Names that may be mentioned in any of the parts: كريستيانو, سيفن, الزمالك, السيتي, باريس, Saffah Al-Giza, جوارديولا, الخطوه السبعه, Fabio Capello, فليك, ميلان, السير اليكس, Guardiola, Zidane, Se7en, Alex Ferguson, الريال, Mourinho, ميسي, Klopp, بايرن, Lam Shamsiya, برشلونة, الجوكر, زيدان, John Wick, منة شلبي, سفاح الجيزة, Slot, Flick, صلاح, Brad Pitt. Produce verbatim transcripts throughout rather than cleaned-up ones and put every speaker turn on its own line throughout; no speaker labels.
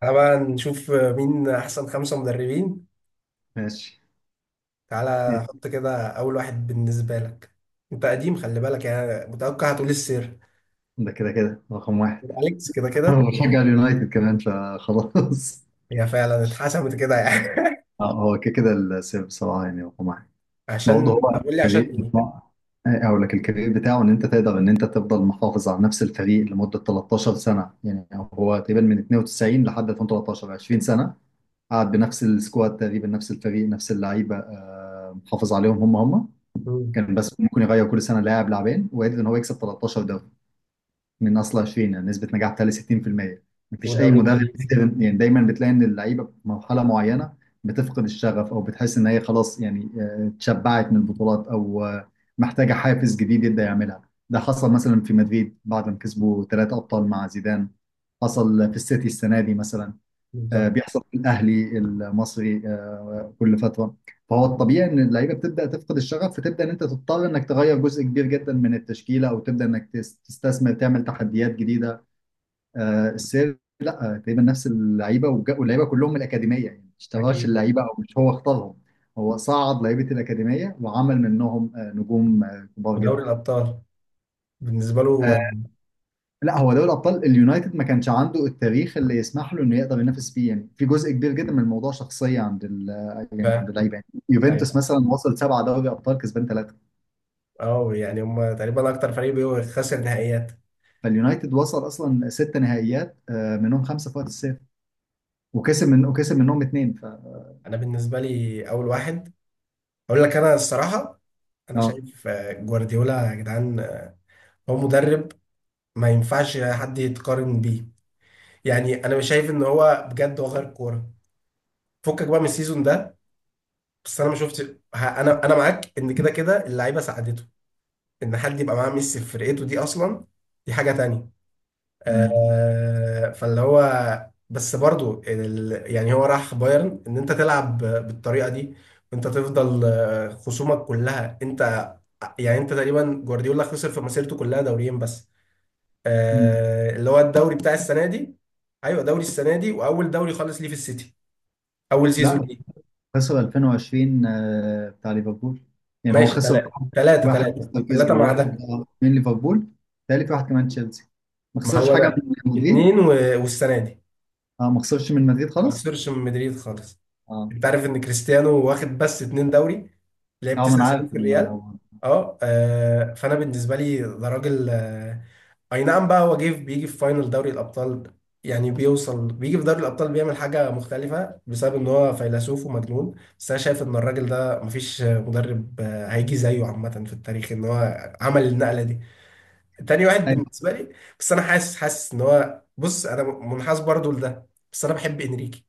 تعالى بقى نشوف مين احسن خمسة مدربين.
ماشي. إيه،
تعالى حط كده اول واحد بالنسبة لك. انت قديم، خلي بالك يعني، متوقع هتقول السير
ده كده كده رقم واحد.
اليكس كده كده.
انا بشجع اليونايتد كمان فخلاص.
هي فعلا اتحسمت كده يعني.
آه، هو كده كده السير بصراحه يعني رقم واحد. برضه هو
عشان، طب قول لي عشان
الكارير
ايه.
بتاع. إيه، اقول لك الكارير بتاعه ان انت تقدر ان انت تفضل محافظ على نفس الفريق لمده تلتاشر سنه، يعني هو تقريبا من اتنين وتسعين لحد الفين وثلاثة عشر، عشرين سنه. قعد بنفس السكواد، تقريبا نفس الفريق نفس اللعيبه، آه، محافظ عليهم هم هم
مم.
كان بس ممكن يغير كل سنه لاعب لاعبين، وقدر ان هو يكسب تلتاشر دوري من اصل عشرين، نسبه نجاح بتاعي ستين في المية. مفيش اي
ودوري
مدرب
انجليزي.
قدر- يعني دايما بتلاقي ان اللعيبه في مرحله معينه بتفقد الشغف، او بتحس ان هي خلاص، يعني آه، اتشبعت من البطولات، او آه، محتاجه حافز جديد يبدا يعملها. ده حصل مثلا في مدريد بعد ما كسبوا ثلاثه ابطال مع زيدان، حصل في السيتي السنه دي مثلا، آه،
بالظبط.
بيحصل في الاهلي المصري آه، كل فتره. فهو الطبيعي ان اللعيبه بتبدا تفقد الشغف، فتبدا ان انت تضطر انك تغير جزء كبير جدا من التشكيله، او تبدا انك تس- تستثمر، تعمل تحديات جديده. آه، السير آه، تقريبا نفس اللعيبه وج- واللعيبه كلهم من الاكاديميه، يعني ما اشتراش
اكيد.
اللعيبه او مش هو اختارهم. هو صعد لعيبه الاكاديميه وعمل منهم آه، نجوم آه، كبار
ودوري
جدا.
الابطال بالنسبة له.
لا، هو دوري الابطال اليونايتد ما كانش عنده التاريخ اللي يسمح له انه يقدر ينافس فيه، يعني في جزء كبير جدا من الموضوع شخصيه عند ال، يعني عند
ف-
اللعيبه. يعني
ايوه.
يوفنتوس مثلا وصل سبعه دوري ابطال كسبان ثلاثه،
اه يعني هم تقريبا اكتر فريق بيخسر نهائيات.
فاليونايتد وصل اصلا ست نهائيات آه، منهم خمسه في وقت الصيف، وكسب من وكسب منهم اثنين ف.
انا بالنسبة لي اول واحد، اقول لك انا الصراحة. انا
اه،
شايف، آه، جوارديولا يا جدعان، آه، هو مدرب ما ينفعش حد يتقارن بيه. يعني انا مش شايف ان هو بجد، هو غير كوره. فكك بقى من السيزون ده. بس انا ما شفت ه- انا انا معاك ان كده كده اللعيبه ساعدته، ان حد يبقى معاه ميسي في فرقته دي اصلا، دي حاجه تانية.
تمام.
آه فاللي هو، بس برضو ال... يعني هو راح بايرن ان انت تلعب بالطريقه دي، وانت تفضل، آه، خصومك كلها انت. يعني انت تقريبا، جوارديولا خسر في مسيرته كلها دوريين بس.
مم.
آه اللي هو الدوري بتاع السنه دي. ايوه، دوري السنه دي واول دوري خالص ليه في السيتي، اول سيزون
لا،
ليه.
خسر الفين وعشرين آه، بتاع ليفربول. يعني هو
ماشي،
خسر
ثلاثه
واحد،
ثلاثه
واحد
ثلاثه
ليستر
ثلاثه
كسبه،
مع
وواحد
ده.
من ليفربول، ثالث واحد كمان تشيلسي. ما
ما
خسرش
هو
حاجه
ده،
من مدريد.
اتنين و... والسنه دي.
اه، ما خسرش من مدريد
ما
خالص.
خسرش من مدريد خالص.
اه.
انت عارف ان كريستيانو واخد بس اتنين دوري، لعب
اه ما
تسع
انا
سنين
عارف
في الريال.
الموضوع ده.
اه آه، فانا بالنسبه لي ده راجل، آه، اي نعم بقى، هو جه بيجي في فاينل دوري الابطال. يعني بيوصل بيجي في دوري الابطال بيعمل حاجه مختلفه بسبب ان هو فيلسوف ومجنون. بس انا شايف ان الراجل ده مفيش مدرب آه، هيجي زيه عامه في التاريخ ان هو عمل النقله دي. تاني واحد
ايوه.
بالنسبه لي. بس انا حاسس، حاسس ان هو، بص انا منحاز برضو لده، بس انا بحب انريكي.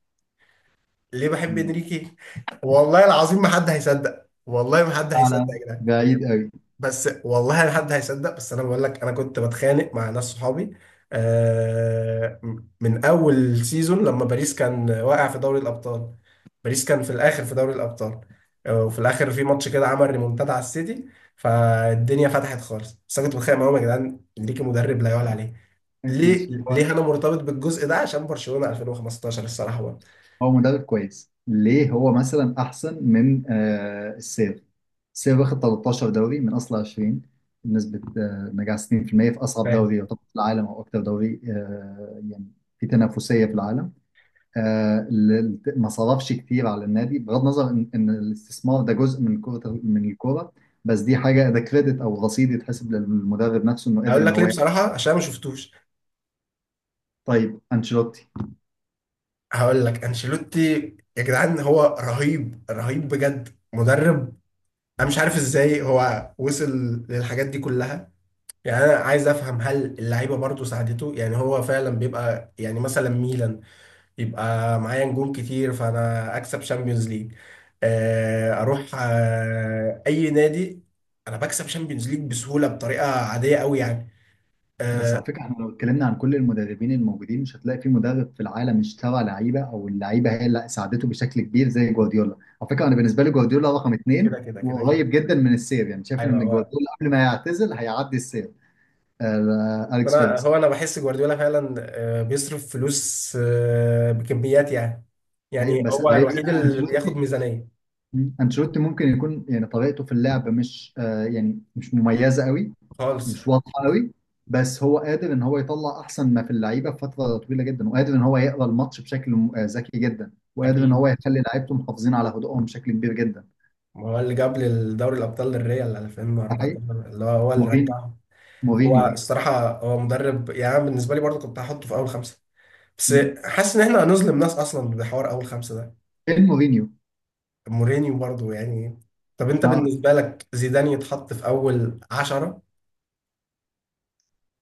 ليه بحب
مم.
انريكي؟ والله العظيم ما حد هيصدق، والله ما حد هيصدق
اعلى
يا جدعان.
بعيد قوي.
بس والله لا حد هيصدق، بس انا بقول لك انا كنت بتخانق مع ناس صحابي. آه، من اول سيزون لما باريس كان واقع في دوري الابطال، باريس كان في الاخر في دوري الابطال. آه، وفي الاخر في ماتش كده عمل ريمونتادا على السيتي، فالدنيا فتحت خالص. بس انا كنت بتخانق معاهم يا جدعان، ليكي مدرب لا يعلى عليه. ليه
ماشي هو.
ليه انا مرتبط بالجزء ده؟ عشان برشلونة ألفين وخمستاشر الصراحة برضه.
هو مدرب كويس. ليه هو مثلا احسن من آه السير؟ السير واخد تلتاشر دوري من اصل عشرين، بنسبة آه نجاح ستين في المية في المية، في اصعب
فاهم.
دوري يعتبر في العالم، او اكتر دوري آه يعني في تنافسية في العالم. آه ال- ما صرفش كتير على النادي، بغض النظر ان إن الاستثمار ده جزء من كرة من الكورة، بس دي حاجة. ده كريدت او رصيد يتحسب للمدرب نفسه انه قدر
هقول
ان
لك ليه
هو.
بصراحة، عشان أنا ما شفتوش.
طيب انشيلوتي.
هقول لك انشيلوتي، يا جدعان هو رهيب رهيب بجد مدرب. انا مش عارف ازاي هو وصل للحاجات دي كلها. يعني انا عايز افهم، هل اللعيبه برضه ساعدته؟ يعني هو فعلا بيبقى يعني، مثلا ميلان يبقى معايا نجوم كتير فانا اكسب شامبيونز ليج. آه، اروح آه، اي نادي، انا بكسب شامبيونز ليج بسهوله بطريقه عاديه قوي يعني.
بس
آه،
على فكره احنا لو اتكلمنا عن كل المدربين الموجودين، مش هتلاقي في مدرب في العالم اشترى لعيبه او اللعيبه هي اللي ساعدته بشكل كبير زي جوارديولا. على فكره انا بالنسبه لي جوارديولا رقم اثنين،
كده كده كده كده،
وقريب جدا من السير، يعني شايف ان
ايوه.
جوارديولا قبل ما يعتزل هيعدي السير آه، اليكس
انا
فيركس.
هو، انا بحس جوارديولا فعلا، آه، بيصرف فلوس، آه، بكميات يعني.
هي
يعني
بس
هو الوحيد
هيبقى
اللي بياخد
انشيلوتي.
ميزانية
انشيلوتي ممكن يكون، يعني طريقته في اللعب مش آه، يعني مش مميزه قوي،
خالص.
مش واضحه قوي. بس هو قادر ان هو يطلع احسن ما في اللعيبه في فتره طويله جدا، وقادر ان هو يقرا الماتش بشكل م- آه، ذكي جدا، وقادر ان
اكيد.
هو يخلي لعيبته محافظين على هدوءهم بشكل كبير جدا. ده
ما هو اللي جاب للدوري الابطال للريال
حقيقي.
ألفين واربعتاشر، اللي هو هو اللي
مورينيو.
رجعهم. هو
مورينيو.
الصراحة هو مدرب، يعني أنا بالنسبة لي برضه كنت هحطه في اول خمسة. بس
مم.
حاسس ان احنا هنظلم ناس اصلا بحوار اول خمسة ده.
فين مورينيو؟
مورينيو برضه يعني، إيه. طب انت
اه،
بالنسبة لك زيدان يتحط في اول عشرة؟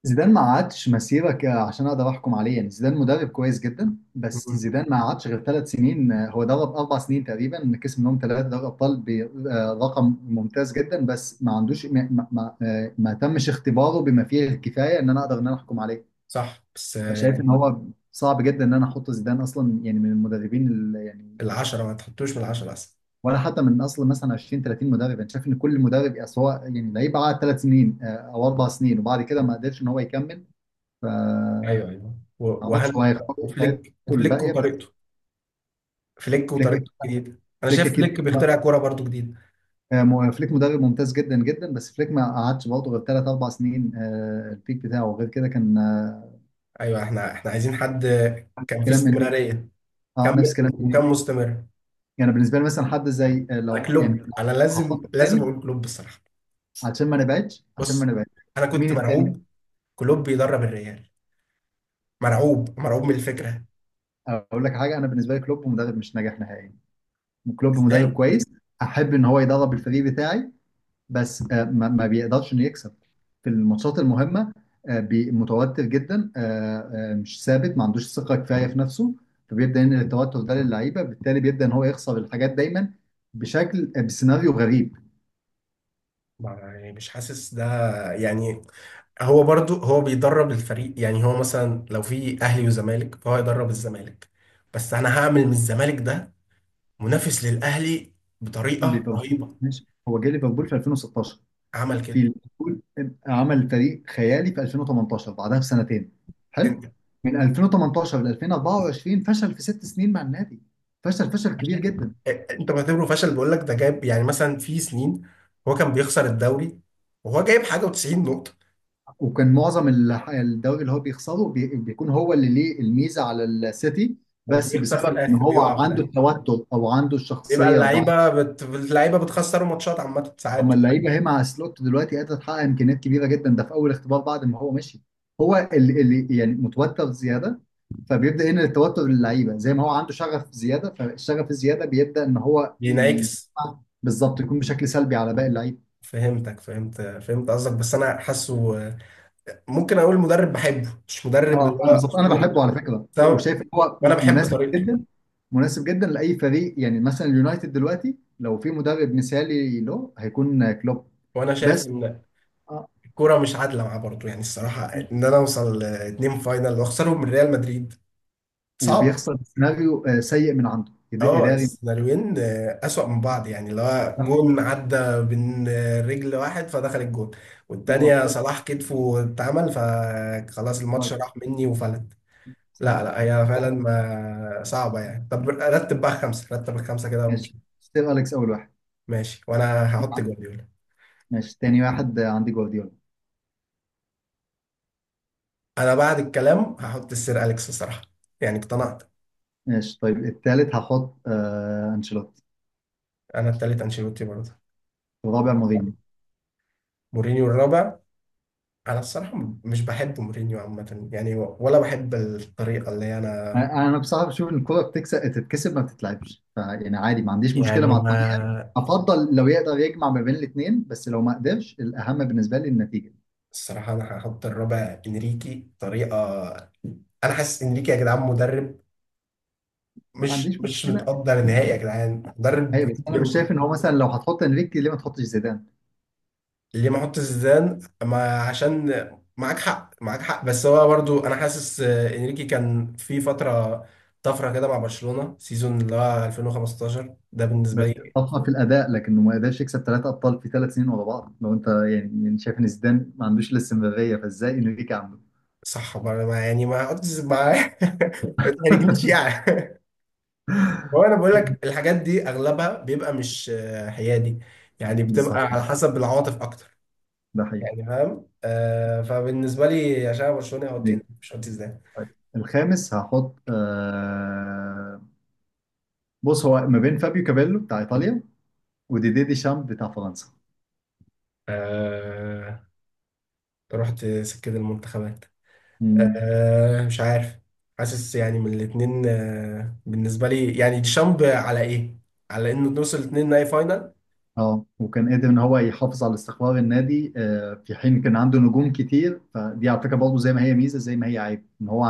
زيدان ما عادش مسيرة ك- عشان اقدر احكم عليه. يعني زيدان مدرب كويس جدا، بس
مم.
زيدان ما عادش غير ثلاث سنين، آه، هو درب اربع سنين تقريبا كسب منهم ثلاثة دوري ابطال برقم ممتاز جدا، بس ما عندوش ما, ما, ما آه، ما تمش اختباره بما فيه الكفاية ان انا اقدر ان انا احكم عليه.
صح بس، آه،
فشايف
يعني
ان هو صعب جدا ان انا احط زيدان اصلا، يعني من المدربين ال- يعني
العشرة ما تحطوش من العشرة أصلا.
ولا حتى من اصل مثلا عشرين تلاتين مدرب. انا شايف ان كل مدرب أصل هو يعني لعيب، قعد ثلاث سنين آه، او اربع سنين، وبعد كده ما قدرش ان هو يكمل.
ايوه ايوه،
ما
و-
اعرفش هو
وهن،
هيختار في حياته
وفليك وفليك
الباقيه بس.
وطريقته. فليك
فليك.
وطريقته الجديده، انا
فليك
شايف
اكيد،
فليك بيخترع كوره برضو جديده.
آه، مو- فليك مدرب ممتاز جدا جدا، بس فليك ما قعدش برضه غير ثلاث اربع سنين، آه، البيك بتاعه غير كده كان آه،
ايوه، احنا احنا عايزين حد كان فيه
كلام انريكي.
استمراريه،
اه، نفس
كمل
كلام
وكان
انريكي.
مستمر.
يعني بالنسبه لي مثلا حد زي آه،
انا
لو يعني
كلوب، انا لازم
هخاطب
لازم
تاني
اقول كلوب بصراحه.
عشان ما نبعدش عشان ما
بص،
نبعدش
انا
مين
كنت
التاني؟
مرعوب، كلوب بيدرب الريال، مرعوب مرعوب من الفكره.
اقول لك حاجه، انا بالنسبه لي كلوب مدرب مش ناجح نهائيا. كلوب مدرب
ازاي؟
كويس، احب ان هو يدرب الفريق بتاعي، بس آه، ما ما بيقدرش انه يكسب في الماتشات المهمه. آه، بي- متوتر جدا، آه، آه، مش ثابت، ما عندوش ثقه كفايه في نفسه. فبيبدا ينقل التوتر ده للعيبه، بالتالي بيبدا ان هو يخسر الحاجات دايما بشكل آه، بسيناريو غريب.
ما- يعني مش حاسس ده. يعني هو برضو، هو بيدرب الفريق يعني، هو مثلا لو في اهلي وزمالك فهو يدرب الزمالك. بس انا هعمل من الزمالك ده منافس للاهلي بطريقه
ليفربول
رهيبه.
ماشي، هو جه ليفربول في الفين وستاشر،
عمل
في
كده.
ليفربول آه، عمل فريق خيالي في الفين وتمنتاشر، بعدها بسنتين حلو.
انت.
من الفين وتمنتاشر ل الفين واربعه وعشرين فشل في ست سنين مع النادي، فشل فشل كبير
فشل.
جدا.
انت بعتبره فشل، بقول لك ده جايب يعني مثلا في سنين هو كان بيخسر الدوري وهو جايب حاجه وتسعين نقطه.
وكان معظم الح- الدوري اللي هو بيخسره بي- بيكون هو اللي ليه الميزه على السيتي، بس
وبيخسر في
بسبب ان
الاخر،
هو
بيقع في
عنده
الاخر.
التوتر او عنده
بيبقى
الشخصيه الضعيفه.
اللعيبه بت... اللعيبه بتخسر ماتشات عامه
طب ما
ساعات.
اللعيبه هي مع سلوت دلوقتي قادره تحقق امكانيات كبيره جدا، ده في اول اختبار بعد ما هو مشي. هو اللي, اللي يعني متوتر زياده، فبيبدا هنا التوتر للعيبه. زي ما هو عنده شغف زياده، فالشغف الزياده بيبدا ان هو ي-
بينعكس.
بالظبط يكون بشكل سلبي على باقي اللعيبه.
فهمتك، فهمت فهمت قصدك، بس انا حاسه. ممكن اقول مدرب بحبه مش مدرب اللي
اه انا
هو
بالظبط، انا
اسطوري.
بحبه على فكره،
بس أنا-
وشايف ان هو
وانا بحب
مناسب
طريقته.
جدا. مناسب جدا لاي فريق، يعني مثلا اليونايتد دلوقتي لو في مدرب مثالي له هيكون كلوب
وانا شايف
بس.
ان
آه،
كوره مش عادله معاه برضه، يعني الصراحه، ان انا اوصل اتنين فاينل واخسرهم من ريال مدريد صعبه.
وبيخسر سيناريو آه، سيء من عنده إد-
اه
اداري مش
السيناريوهين، آه، اسوأ من بعض يعني، اللي هو
صحي،
جون عدى من، آه، رجل واحد فدخل الجون. والتانية
واخطاء
صلاح كتفه اتعمل فخلاص الماتش
كتير.
راح مني وفلت.
صحيح.
لا، لا، هي فعلا ما صعبة يعني. طب رتب بقى خمسة، رتب الخمسة كده ونشوف.
ماشي، ستيل اليكس اول واحد.
ماشي، وانا هحط جوارديولا.
ماشي، تاني واحد آه، عندي جوارديولا.
انا بعد الكلام هحط السير اليكس الصراحة، يعني اقتنعت.
ماشي، طيب التالت هحط آه انشيلوتي.
انا التالت انشيلوتي برضه.
الرابع مورينيو.
مورينيو الرابع. انا الصراحه مش بحب مورينيو عامه يعني، ولا بحب الطريقه اللي انا.
انا بصراحه بشوف ان الكوره بتكسب تتكسب ما بتتلعبش، فيعني عادي ما عنديش مشكله
يعني،
مع
ما
الطريقه، افضل لو يقدر يجمع ما بين الاثنين، بس لو ما قدرش الاهم بالنسبه لي النتيجه.
الصراحه انا هحط الرابع انريكي طريقه. انا حاسس انريكي يا جدعان مدرب،
ما
مش
عنديش
مش
مشكله.
متقدر نهائي، يا جدعان مدرب
ايوه بس
بجد
انا مش شايف
جامد.
ان هو مثلا لو هتحط انريكي ليه ما تحطش زيدان.
ليه ما احط زيدان؟ ما عشان، معاك حق، معاك حق، بس هو برضو انا حاسس، آه، انريكي كان في فتره طفره كده مع برشلونه، سيزون اللي هو ألفين وخمستاشر ده بالنسبه
بس
لي.
طفره في الاداء، لكنه ما قدرش يكسب ثلاثه ابطال في ثلاث سنين ورا بعض. لو انت يعني يعني شايف ان زيدان ما عندوش الاستمراريه، فازاي انريكي عنده؟
صح ما أنا- ما- يعني ما قلتش ما ما تحرجنيش يعني. هو انا بقول لك الحاجات دي اغلبها بيبقى مش، آه، حيادي، يعني بتبقى
بالظبط.
على حسب العواطف اكتر.
ده حقيقي.
يعني فاهم، آه فبالنسبه لي عشان أنا برشلوني هقعد
إنريكي.
تاني مش قلت ازاي.
طيب، الخامس هحط آه. بص هو ما بين فابيو كابيلو بتاع ايطاليا، وديدي ديشامب بتاع فرنسا.
آه رحت سكه المنتخبات.
مم.
آه مش عارف. حاسس يعني من الاثنين، آه بالنسبه لي يعني ديشامب على ايه؟ على انه نوصل الاثنين نهائي فاينل
اه، وكان قادر ان هو يحافظ على استقرار النادي آه، في حين كان عنده نجوم كتير. فدي على فكره برضه زي ما هي ميزه زي ما هي عيب، ان هو